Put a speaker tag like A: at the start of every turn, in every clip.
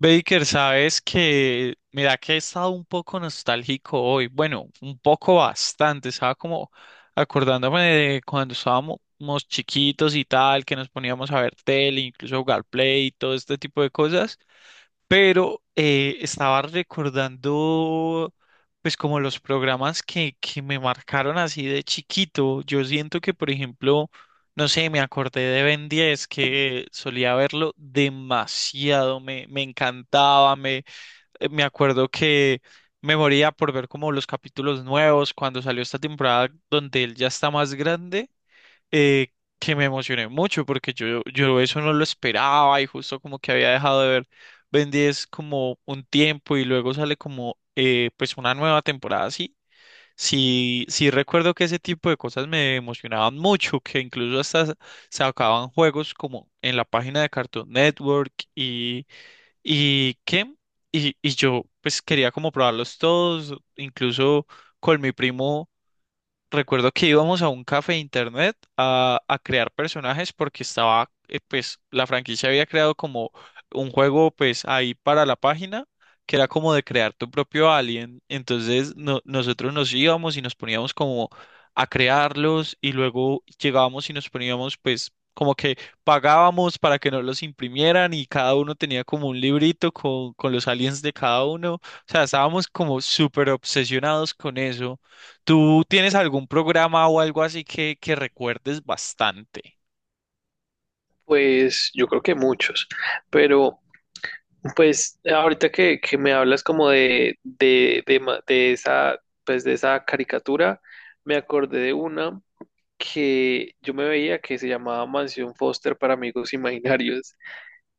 A: Baker, sabes que, mira que he estado un poco nostálgico hoy, bueno, un poco bastante, estaba como acordándome de cuando estábamos chiquitos y tal, que nos poníamos a ver tele, incluso jugar play y todo este tipo de cosas, pero estaba recordando pues como los programas que me marcaron así de chiquito, yo siento que por ejemplo... No sé, me acordé de Ben 10 que solía verlo demasiado, me encantaba, me acuerdo que me moría por ver como los capítulos nuevos cuando salió esta temporada donde él ya está más grande, eh, que me emocioné mucho porque yo eso no lo esperaba y justo como que había dejado de ver Ben 10 como un tiempo y luego sale como pues una nueva temporada así. Sí, sí recuerdo que ese tipo de cosas me emocionaban mucho, que incluso hasta sacaban juegos como en la página de Cartoon Network y qué, y yo pues quería como probarlos todos, incluso con mi primo. Recuerdo que íbamos a un café de internet a crear personajes porque estaba, pues, la franquicia había creado como un juego, pues, ahí para la página, que era como de crear tu propio alien. Entonces, nosotros nos íbamos y nos poníamos como a crearlos y luego llegábamos y nos poníamos, pues, como que pagábamos para que nos los imprimieran y cada uno tenía como un librito con los aliens de cada uno. O sea, estábamos como súper obsesionados con eso. ¿Tú tienes algún programa o algo así que recuerdes bastante?
B: Pues yo creo que muchos, pero pues ahorita que me hablas como de esa, pues de esa caricatura, me acordé de una que yo me veía que se llamaba Mansión Foster para amigos imaginarios.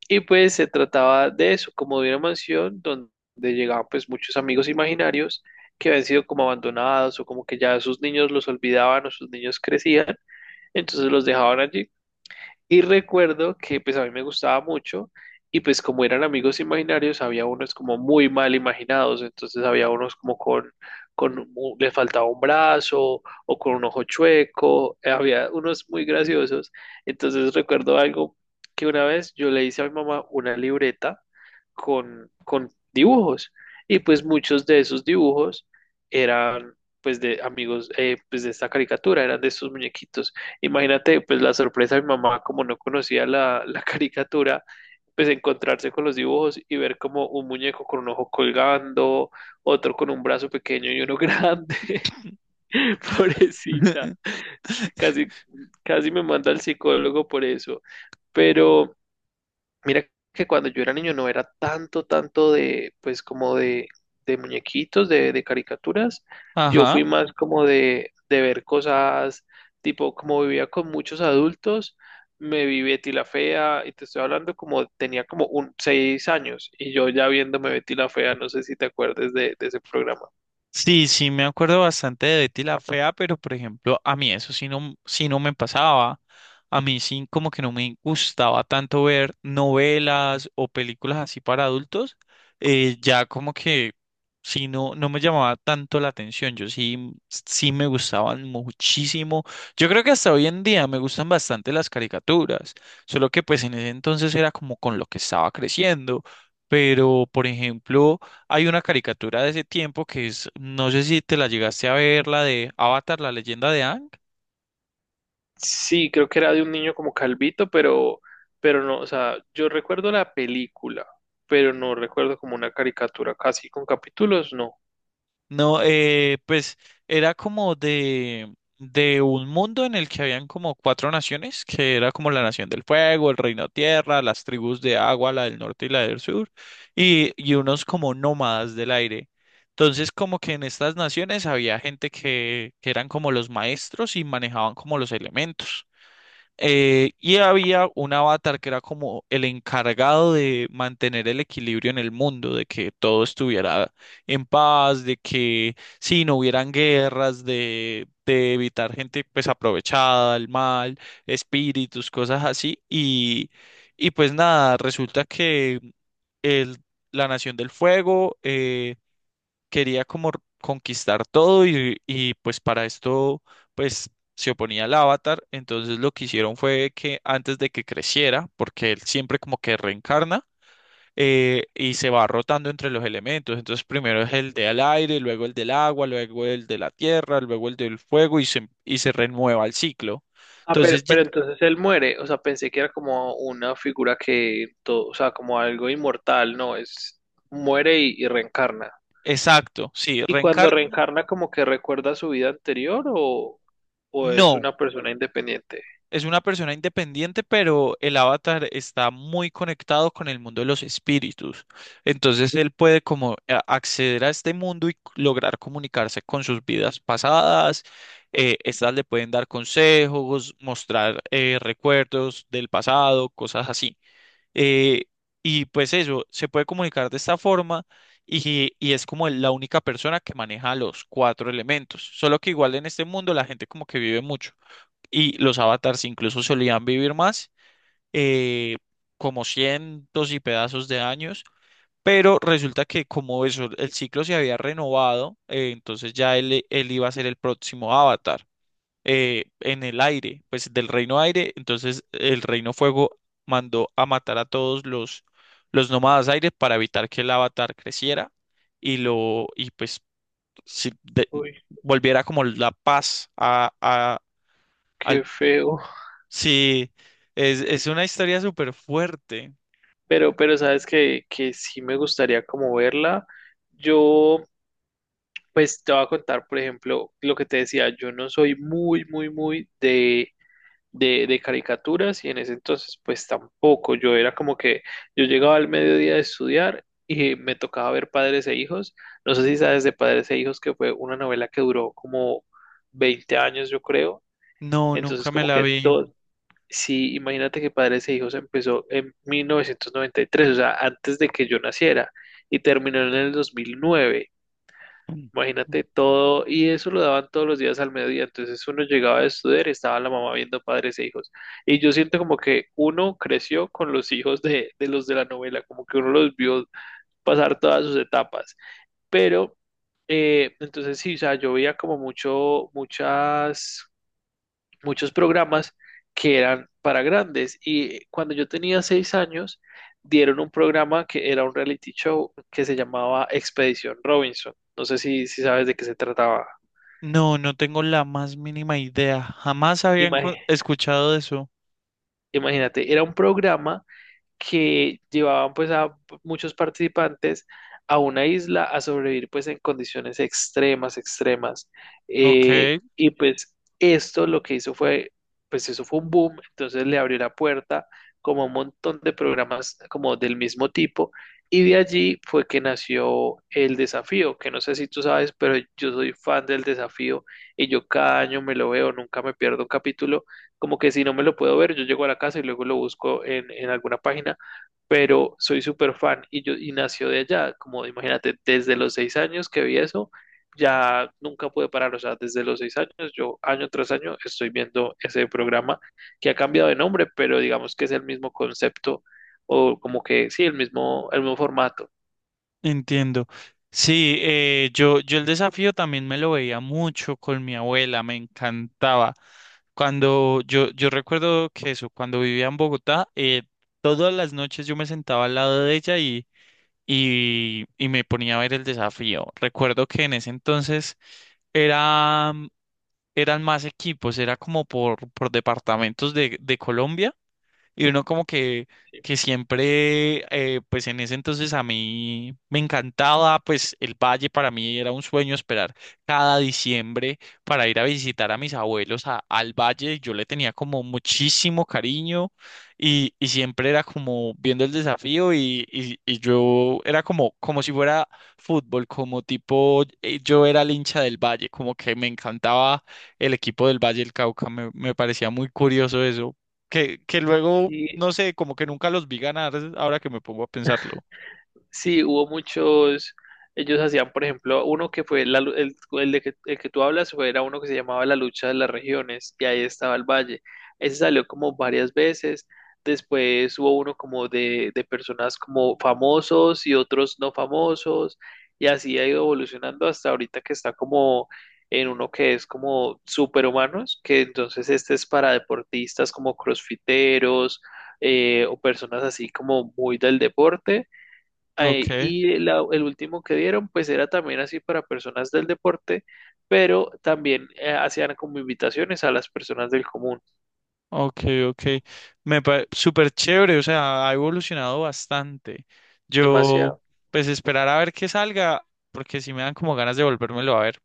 B: Y pues se trataba de eso, como de una mansión donde llegaban pues muchos amigos imaginarios que habían sido como abandonados o como que ya sus niños los olvidaban o sus niños crecían, entonces los dejaban allí y recuerdo que pues a mí me gustaba mucho y pues como eran amigos imaginarios, había unos como muy mal imaginados, entonces había unos como le faltaba un brazo o con un ojo chueco, había unos muy graciosos. Entonces recuerdo algo que una vez yo le hice a mi mamá una libreta con dibujos y pues muchos de esos dibujos eran pues de amigos, pues de esta caricatura, eran de estos muñequitos. Imagínate, pues la sorpresa de mi mamá, como no conocía la caricatura, pues encontrarse con los dibujos y ver como un muñeco con un ojo colgando, otro con un brazo pequeño y uno grande, pobrecita. Casi, casi me manda al psicólogo por eso. Pero mira que cuando yo era niño no era tanto, tanto de, pues como de muñequitos, de caricaturas. Yo
A: Ajá.
B: fui más como de ver cosas, tipo, como vivía con muchos adultos, me vi Betty la Fea, y te estoy hablando como tenía como un 6 años, y yo ya viéndome Betty la Fea, no sé si te acuerdas de ese programa.
A: Sí, sí, me acuerdo bastante de Betty la Fea, pero por ejemplo, a mí eso sí no me pasaba. A mí sí como que no me gustaba tanto ver novelas o películas así para adultos. Ya como que sí no me llamaba tanto la atención. Yo sí, sí me gustaban muchísimo. Yo creo que hasta hoy en día me gustan bastante las caricaturas. Solo que pues en ese entonces era como con lo que estaba creciendo. Pero, por ejemplo... Hay una caricatura de ese tiempo que es, no sé si te la llegaste a ver, la de Avatar, la leyenda de Aang.
B: Sí, creo que era de un niño como calvito, pero no, o sea, yo recuerdo la película, pero no recuerdo como una caricatura, casi con capítulos, no.
A: No, pues era como de un mundo en el que habían como cuatro naciones, que era como la nación del fuego, el reino tierra, las tribus de agua, la del norte y la del sur, y unos como nómadas del aire. Entonces, como que en estas naciones había gente que eran como los maestros y manejaban como los elementos. Y había un avatar que era como el encargado de mantener el equilibrio en el mundo, de que todo estuviera en paz, de que si no hubieran guerras, de evitar gente pues aprovechada, el mal, espíritus, cosas así. Y pues nada, resulta que el, la Nación del Fuego quería como conquistar todo y pues para esto pues se oponía al avatar, entonces lo que hicieron fue que antes de que creciera, porque él siempre como que reencarna y se va rotando entre los elementos, entonces primero es el del aire, luego el del agua, luego el de la tierra, luego el del fuego y se renueva el ciclo.
B: Ah,
A: Entonces,
B: pero entonces él muere, o sea, pensé que era como una figura que todo, o sea, como algo inmortal, no, es muere y reencarna.
A: exacto, sí,
B: ¿Y cuando
A: reencarna.
B: reencarna como que recuerda su vida anterior o es
A: No,
B: una persona independiente?
A: es una persona independiente, pero el avatar está muy conectado con el mundo de los espíritus. Entonces él puede como acceder a este mundo y lograr comunicarse con sus vidas pasadas. Estas le pueden dar consejos, mostrar recuerdos del pasado, cosas así. Eh, y pues eso, se puede comunicar de esta forma y es como la única persona que maneja los cuatro elementos. Solo que igual en este mundo la gente como que vive mucho y los avatars incluso solían vivir más, eh, como cientos y pedazos de años, pero resulta que como eso, el ciclo se había renovado, entonces ya él iba a ser el próximo avatar en el aire, pues del reino aire, entonces el reino fuego mandó a matar a todos los nómadas aire para evitar que el avatar creciera y pues si- de-
B: Uy,
A: volviera como la paz al.
B: qué feo.
A: Sí, es una historia súper fuerte.
B: Pero sabes que sí me gustaría como verla. Yo, pues te voy a contar, por ejemplo, lo que te decía, yo no soy muy, muy, muy de caricaturas y en ese entonces pues tampoco. Yo era como que yo llegaba al mediodía de estudiar y me tocaba ver Padres e Hijos. No sé si sabes de Padres e Hijos que fue una novela que duró como 20 años yo creo.
A: No, nunca
B: Entonces
A: me
B: como
A: la
B: que
A: vi.
B: todo, sí, imagínate que Padres e Hijos empezó en 1993, o sea, antes de que yo naciera y terminó en el 2009. Imagínate todo, y eso lo daban todos los días al mediodía, entonces uno llegaba a estudiar y estaba la mamá viendo Padres e Hijos. Y yo siento como que uno creció con los hijos de los de la novela, como que uno los vio pasar todas sus etapas. Pero, entonces sí, o sea, yo veía como mucho, muchas muchos programas que eran para grandes. Y cuando yo tenía 6 años, dieron un programa que era un reality show que se llamaba Expedición Robinson. No sé si sabes de qué se trataba.
A: No, no tengo la más mínima idea. Jamás habían
B: Ima-
A: escuchado de eso.
B: Imagínate, era un programa que llevaban pues a muchos participantes a una isla a sobrevivir pues en condiciones extremas, extremas.
A: Ok,
B: Y pues esto lo que hizo fue, pues eso fue un boom, entonces le abrió la puerta como a un montón de programas como del mismo tipo. Y de allí fue que nació el desafío, que no sé si tú sabes, pero yo soy fan del desafío y yo cada año me lo veo, nunca me pierdo un capítulo, como que si no me lo puedo ver, yo llego a la casa y luego lo busco en alguna página, pero soy súper fan y yo y nació de allá, como imagínate, desde los 6 años que vi eso, ya nunca pude parar, o sea, desde los 6 años, yo año tras año estoy viendo ese programa que ha cambiado de nombre, pero digamos que es el mismo concepto o como que sí, el mismo formato.
A: entiendo. Sí, yo el desafío también me lo veía mucho con mi abuela, me encantaba. Cuando yo recuerdo que eso, cuando vivía en Bogotá, todas las noches yo me sentaba al lado de ella y me ponía a ver el desafío. Recuerdo que en ese entonces... Era, Eran más equipos, era como por departamentos de Colombia. Y uno como
B: ¿Sí?
A: que siempre, pues en ese entonces a mí me encantaba, pues el valle para mí era un sueño esperar cada diciembre para ir a visitar a mis abuelos al valle. Yo le tenía como muchísimo cariño y siempre era como viendo el desafío y yo era como, como si fuera fútbol, como tipo, yo era el hincha del valle, como que me encantaba el equipo del Valle del Cauca, me parecía muy curioso eso que luego,
B: Y
A: no sé, como que nunca los vi ganar, ahora que me pongo a pensarlo.
B: sí, hubo muchos, ellos hacían, por ejemplo, uno que fue el de que, el que tú hablas fue, era uno que se llamaba La lucha de las regiones y ahí estaba el valle. Ese salió como varias veces. Después hubo uno como de personas como famosos y otros no famosos y así ha ido evolucionando hasta ahorita que está como en uno que es como superhumanos, que entonces este es para deportistas como crossfiteros, o personas así como muy del deporte. Ahí,
A: Ok,
B: y el último que dieron, pues era también así para personas del deporte, pero también hacían como invitaciones a las personas del común.
A: ok, ok. Me parece súper chévere, o sea, ha evolucionado bastante. Yo,
B: Demasiado.
A: pues esperar a ver qué salga, porque si me dan como ganas de volvérmelo a ver.